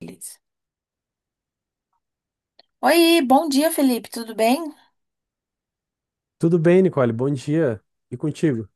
Beleza. Oi, bom dia, Felipe. Tudo bem? Tudo bem, Nicole? Bom dia. E contigo?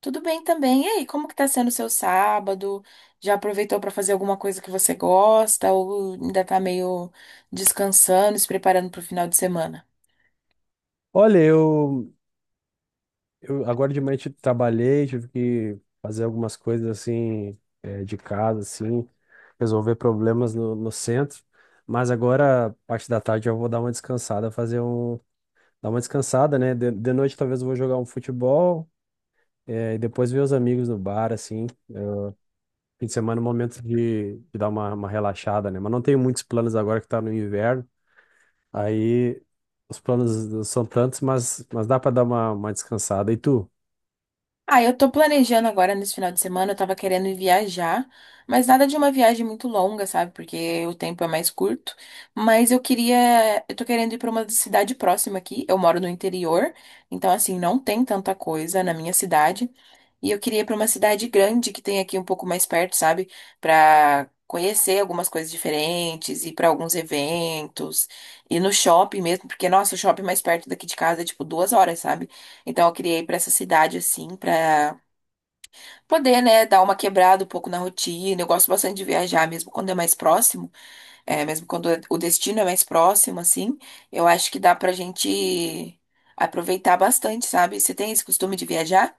Tudo bem também. E aí, como que tá sendo o seu sábado? Já aproveitou para fazer alguma coisa que você gosta ou ainda tá meio descansando, se preparando para o final de semana? Olha, eu agora de manhã trabalhei, tive que fazer algumas coisas assim de casa, assim, resolver problemas no centro. Mas agora, parte da tarde, eu vou dar uma descansada, dar uma descansada, né? De noite talvez eu vou jogar um futebol, e depois ver os amigos no bar, assim. Fim de semana é um momento de dar uma relaxada, né? Mas não tenho muitos planos agora que tá no inverno. Aí os planos são tantos, mas dá para dar uma descansada. E tu? Ah, eu tô planejando agora nesse final de semana, eu tava querendo ir viajar, mas nada de uma viagem muito longa, sabe? Porque o tempo é mais curto, mas eu queria, eu tô querendo ir para uma cidade próxima aqui. Eu moro no interior, então assim, não tem tanta coisa na minha cidade. E eu queria ir para uma cidade grande que tem aqui um pouco mais perto, sabe? Para conhecer algumas coisas diferentes, ir para alguns eventos, ir no shopping mesmo, porque nossa, o shopping mais perto daqui de casa é tipo 2 horas, sabe? Então eu queria ir para essa cidade assim, para poder, né, dar uma quebrada um pouco na rotina. Eu gosto bastante de viajar, mesmo quando é mais próximo, é, mesmo quando o destino é mais próximo, assim, eu acho que dá pra gente aproveitar bastante, sabe? Você tem esse costume de viajar?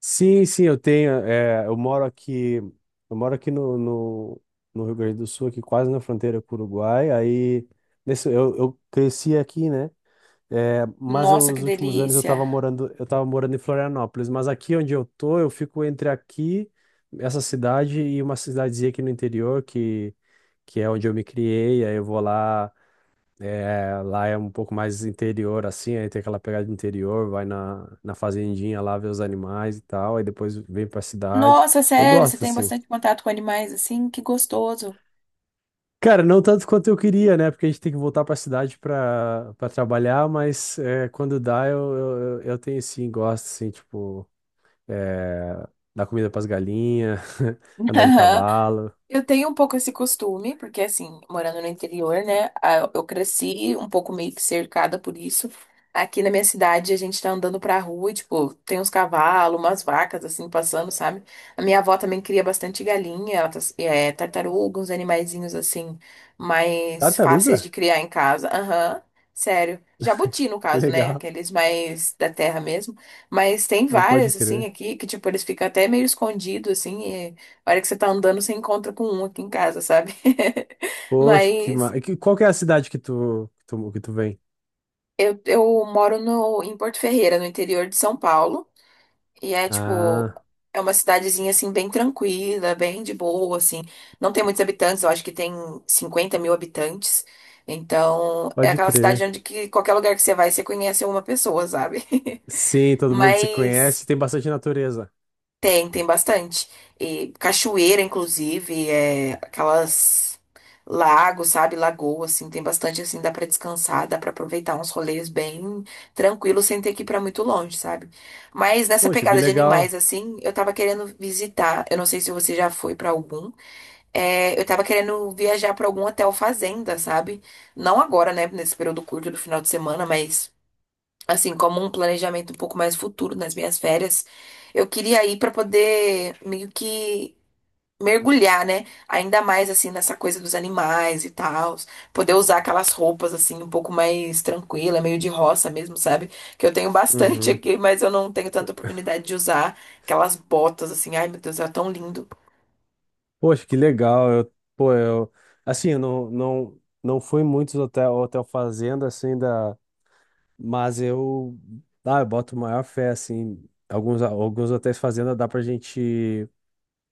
Sim, sim, eu tenho. Eu moro aqui no Rio Grande do Sul, aqui quase na fronteira com o Uruguai. Aí eu cresci aqui, né? É, mas Nossa, que os últimos anos eu estava delícia! morando, eu tava morando em Florianópolis. Mas aqui onde eu tô, eu fico entre aqui, essa cidade, e uma cidadezinha aqui no interior, que é onde eu me criei. Aí eu vou lá. É, lá é um pouco mais interior, assim, aí tem aquela pegada de interior, vai na fazendinha lá ver os animais e tal, aí depois vem pra cidade. Nossa, Eu sério, você gosto, tem assim. bastante contato com animais assim? Que gostoso. Cara, não tanto quanto eu queria, né? Porque a gente tem que voltar pra cidade pra trabalhar, mas é, quando dá, eu tenho sim, gosto, assim, tipo, é, dar comida pras galinhas, andar de cavalo. Eu tenho um pouco esse costume, porque assim, morando no interior, né? Eu cresci um pouco meio que cercada por isso. Aqui na minha cidade, a gente tá andando pra rua e, tipo, tem uns cavalos, umas vacas, assim, passando, sabe? A minha avó também cria bastante galinha, ela é, tartaruga, uns animaizinhos, assim, mais fáceis Tartaruga? de criar em casa. Aham, sério. Jabuti, no caso, né? Legal. Aqueles mais da terra mesmo. Mas tem Ah, pode várias, assim, crer. aqui, que, tipo, eles ficam até meio escondidos, assim. A hora que você tá andando, você encontra com um aqui em casa, sabe? Poxa, que, Mas ma... e que- qual que é a cidade que tu vem? Eu moro no, em Porto Ferreira, no interior de São Paulo. E é tipo, Ah. é uma cidadezinha assim, bem tranquila, bem de boa, assim. Não tem muitos habitantes, eu acho que tem 50.000 habitantes. Então, é Pode aquela cidade crer. onde que qualquer lugar que você vai, você conhece uma pessoa, sabe? Sim, todo mundo se Mas. conhece, tem bastante natureza. Tem, tem bastante. E cachoeira, inclusive, é aquelas lagos, sabe? Lagoa, assim, tem bastante, assim, dá pra descansar, dá pra aproveitar uns rolês bem tranquilos, sem ter que ir pra muito longe, sabe? Mas nessa Poxa, que pegada de animais, legal. assim, eu tava querendo visitar, eu não sei se você já foi pra algum, é, eu tava querendo viajar pra algum hotel fazenda, sabe? Não agora, né, nesse período curto do final de semana, mas assim, como um planejamento um pouco mais futuro nas minhas férias. Eu queria ir para poder meio que mergulhar, né? Ainda mais assim nessa coisa dos animais e tal, poder usar aquelas roupas assim um pouco mais tranquila, meio de roça mesmo, sabe? Que eu tenho bastante Uhum. aqui, mas eu não tenho tanta oportunidade de usar aquelas botas assim. Ai, meu Deus, é tão lindo. Poxa, que legal. Pô, assim, eu não fui muitos hotel fazenda assim, mas eu boto maior fé assim. Alguns hotéis fazenda dá pra gente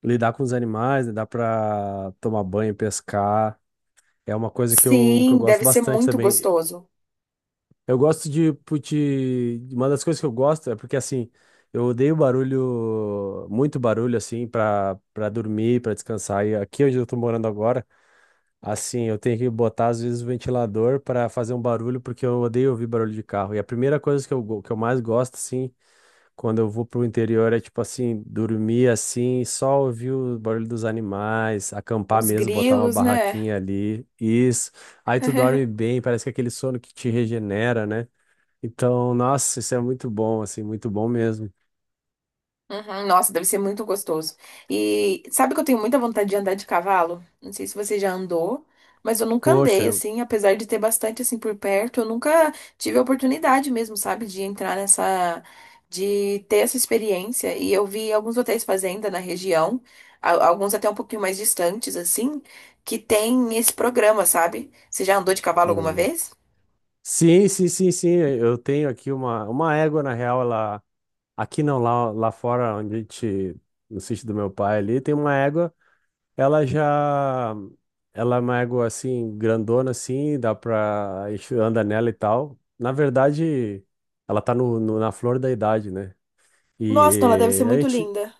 lidar com os animais, né? Dá pra tomar banho, pescar. É uma coisa que eu Sim, deve gosto ser bastante muito também. gostoso. Eu gosto de, put- Uma das coisas que eu gosto é porque, assim, eu odeio barulho, muito barulho, assim, pra dormir, pra descansar. E aqui onde eu tô morando agora, assim, eu tenho que botar, às vezes, o ventilador pra fazer um barulho, porque eu odeio ouvir barulho de carro. E a primeira coisa que eu mais gosto, assim, quando eu vou pro interior é, tipo assim, dormir, assim, só ouvir o barulho dos animais, acampar Uns mesmo, botar uma grilos, né? barraquinha ali. Isso. Aí tu dorme bem, parece que é aquele sono que te regenera, né? Então, nossa, isso é muito bom, assim, muito bom mesmo. Uhum, nossa, deve ser muito gostoso. E sabe que eu tenho muita vontade de andar de cavalo? Não sei se você já andou, mas eu nunca Poxa, andei assim, apesar de ter bastante assim por perto, eu nunca tive a oportunidade mesmo, sabe, de entrar nessa, de ter essa experiência. E eu vi alguns hotéis fazenda na região, alguns até um pouquinho mais distantes assim, que tem esse programa, sabe? Você já andou de cavalo alguma hum. vez? Sim, sim, sim, sim, eu tenho aqui uma égua, na real, ela, aqui não, lá fora, onde a gente, no sítio do meu pai ali, tem uma égua, ela já, ela é uma égua, assim, grandona, assim, a gente anda nela e tal. Na verdade, ela tá na flor da idade, né? Nossa, então ela deve ser E a muito gente, linda.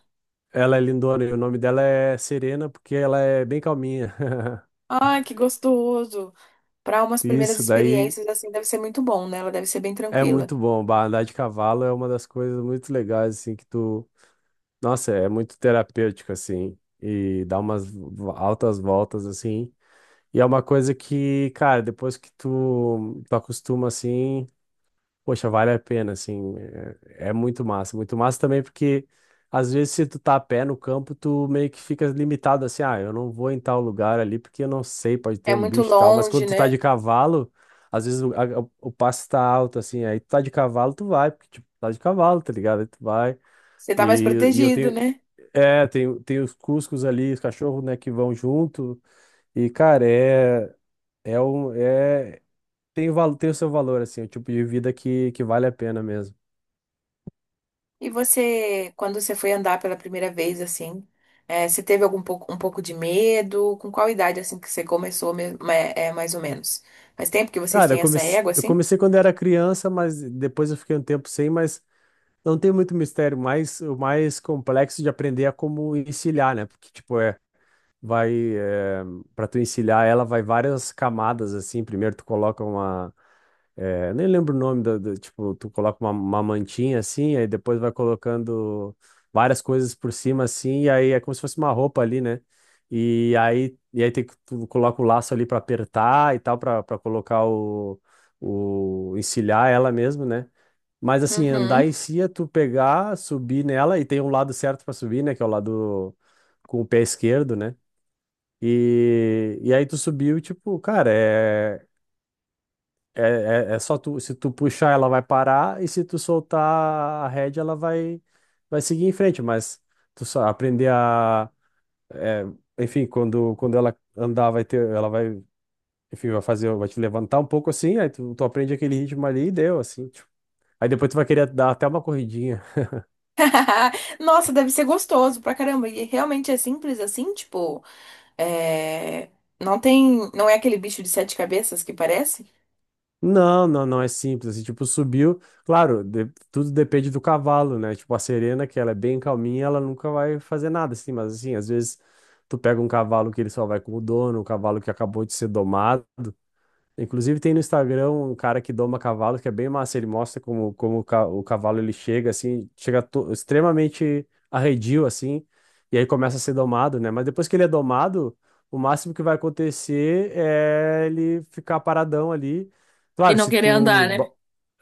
ela é lindona e o nome dela é Serena, porque ela é bem calminha. Ai, que gostoso. Para umas primeiras Isso daí experiências, assim, deve ser muito bom, né? Ela deve ser bem é tranquila. muito bom. Bah, andar de cavalo é uma das coisas muito legais, assim, que tu. Nossa, é muito terapêutico, assim, e dá umas altas voltas, assim. E é uma coisa que, cara, depois que tu acostuma, assim. Poxa, vale a pena, assim, é muito massa também porque às vezes se tu tá a pé no campo, tu meio que fica limitado assim, ah, eu não vou em tal lugar ali porque eu não sei, pode ter É um muito bicho e tal, mas longe, quando tu tá né? de cavalo, às vezes o passo tá alto, assim, aí tu tá de cavalo, tu vai, porque tipo, tá de cavalo, tá ligado? Aí tu vai, Você tá mais e protegido, né? Tem os cuscos ali, os cachorros, né, que vão junto, e cara, é um, é, tem o seu valor, assim, é o tipo de vida que vale a pena mesmo. E você, quando você foi andar pela primeira vez, assim, é, você teve algum pouco, um pouco de medo? Com qual idade, assim, que você começou, mesmo, é, é, mais ou menos? Faz tempo que vocês Cara, eu têm essa comecei, égua, eu assim? comecei quando era criança, mas depois eu fiquei um tempo sem, mas não tem muito mistério, mas o mais complexo de aprender é como encilhar, né? Porque, tipo, vai, é, para tu encilhar ela, vai várias camadas, assim, primeiro tu coloca nem lembro o nome tipo, tu coloca uma mantinha assim, aí depois vai colocando várias coisas por cima assim, e aí é como se fosse uma roupa ali, né? E aí tem que tu coloca o laço ali pra apertar e tal, pra para colocar o encilhar ela mesmo, né? Mas assim, andar em Uhum. si é tu pegar, subir nela e tem um lado certo pra subir, né? Que é o lado com o pé esquerdo, né? E aí tu subiu, tipo, cara, é só tu, se tu puxar, ela vai parar, e se tu soltar a rédea, ela vai seguir em frente, mas tu só aprender a, é, enfim, quando ela andar, vai ter, ela vai, enfim, vai fazer, vai te levantar um pouco assim, aí tu aprende aquele ritmo ali e deu, assim, tipo. Aí depois tu vai querer dar até uma corridinha. Nossa, deve ser gostoso pra caramba. E realmente é simples assim, tipo, é, não tem, não é aquele bicho de sete cabeças que parece? Não, não, não é simples. Assim, tipo, subiu. Claro, tudo depende do cavalo, né? Tipo, a Serena, que ela é bem calminha, ela nunca vai fazer nada, assim. Mas, assim, às vezes tu pega um cavalo que ele só vai com o dono, um cavalo que acabou de ser domado. Inclusive tem no Instagram um cara que doma cavalo, que é bem massa, ele mostra como o cavalo ele chega assim, chega extremamente arredio assim, e aí começa a ser domado, né? Mas depois que ele é domado, o máximo que vai acontecer é ele ficar paradão ali. E Claro, não se querer tu andar, né? ba-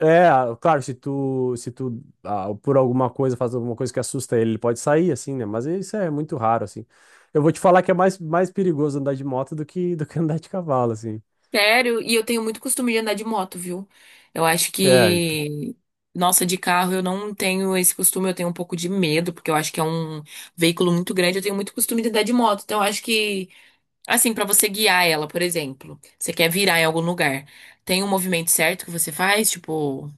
é, ah, claro, se tu, por alguma coisa faz alguma coisa que assusta ele, ele pode sair assim, né? Mas isso é muito raro assim. Eu vou te falar que é mais perigoso andar de moto do que andar de cavalo assim. Sério, e eu tenho muito costume de andar de moto, viu? Eu acho É, que, nossa, de carro eu não tenho esse costume, eu tenho um pouco de medo, porque eu acho que é um veículo muito grande, eu tenho muito costume de andar de moto. Então, eu acho que, assim, pra você guiar ela, por exemplo, você quer virar em algum lugar, tem um movimento certo que você faz, tipo,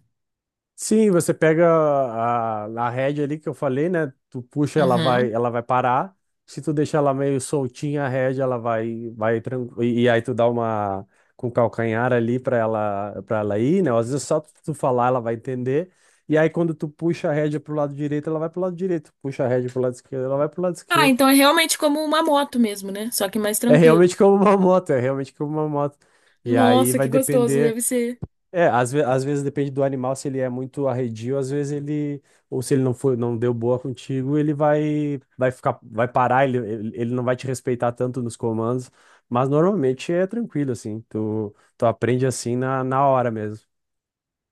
sim, você pega a rédea ali que eu falei, né? Tu puxa, ela uhum. vai, ela vai parar. Se tu deixar ela meio soltinha, a rédea, ela vai tranquilo. E aí tu dá uma com o calcanhar ali para ela ir, né? Às vezes é só tu falar, ela vai entender. E aí quando tu puxa a rédea pro lado direito, ela vai pro lado direito. Puxa a rédea pro lado esquerdo, ela vai pro lado Ah, esquerdo. então é realmente como uma moto mesmo, né? Só que mais É tranquilo. realmente como uma moto, é realmente como uma moto. E aí Nossa, que vai gostoso depender. deve ser. É, às vezes depende do animal, se ele é muito arredio, às vezes ele, ou se ele não foi, não deu boa contigo, vai ficar, vai parar, ele não vai te respeitar tanto nos comandos, mas normalmente é tranquilo, assim, tu aprende assim na hora mesmo.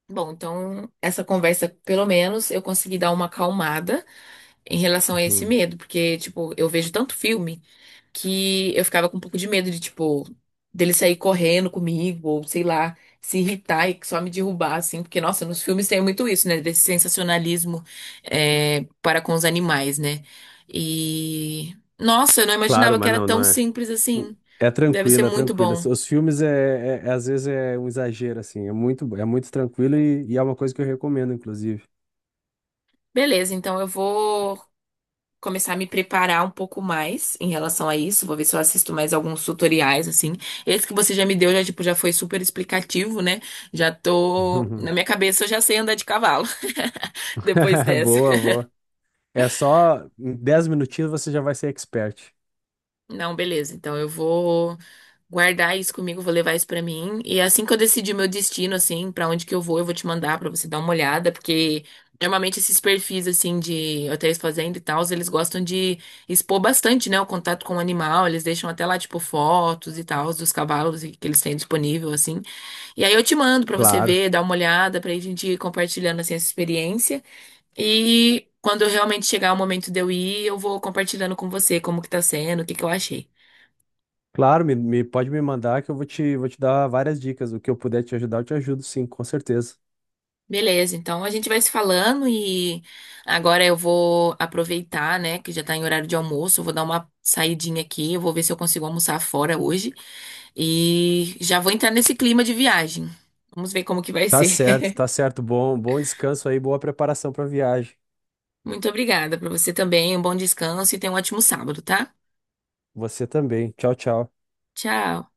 Bom, então essa conversa, pelo menos, eu consegui dar uma acalmada em relação a esse Uhum. medo, porque, tipo, eu vejo tanto filme que eu ficava com um pouco de medo de, tipo, dele sair correndo comigo, ou sei lá, se irritar e só me derrubar, assim, porque, nossa, nos filmes tem muito isso, né, desse sensacionalismo é, para com os animais, né? E, nossa, eu não Claro, imaginava que mas era não, não tão é. simples assim. É Deve ser tranquilo, é muito tranquilo. bom. Os filmes, às vezes, é um exagero, assim, é muito tranquilo e é uma coisa que eu recomendo, inclusive. Beleza, então eu vou começar a me preparar um pouco mais em relação a isso. Vou ver se eu assisto mais alguns tutoriais, assim. Esse que você já me deu já, tipo, já foi super explicativo, né? Já tô... Na Uhum. minha cabeça eu já sei andar de cavalo depois dessa. Boa, boa. É só em 10 minutinhos você já vai ser expert. Não, beleza. Então eu vou guardar isso comigo, vou levar isso pra mim. E assim que eu decidir meu destino, assim, pra onde que eu vou te mandar pra você dar uma olhada, porque normalmente esses perfis assim de hotéis fazenda e tal, eles gostam de expor bastante, né, o contato com o animal, eles deixam até lá tipo fotos e tal dos cavalos e- que eles têm disponível assim. E aí eu te mando pra você Claro. ver, dar uma olhada, pra gente ir compartilhando assim essa experiência. E quando realmente chegar o momento de eu ir, eu vou compartilhando com você como que tá sendo, o que que eu achei. Claro, pode me mandar que eu vou te dar várias dicas. O que eu puder te ajudar, eu te ajudo, sim, com certeza. Beleza, então a gente vai se falando e agora eu vou aproveitar, né, que já tá em horário de almoço, eu vou dar uma saidinha aqui, eu vou ver se eu consigo almoçar fora hoje e já vou entrar nesse clima de viagem. Vamos ver como que vai Tá ser. certo, tá certo. Bom, bom descanso aí, boa preparação para viagem. Muito obrigada para você também, um bom descanso e tenha um ótimo sábado, tá? Você também. Tchau, tchau. Tchau.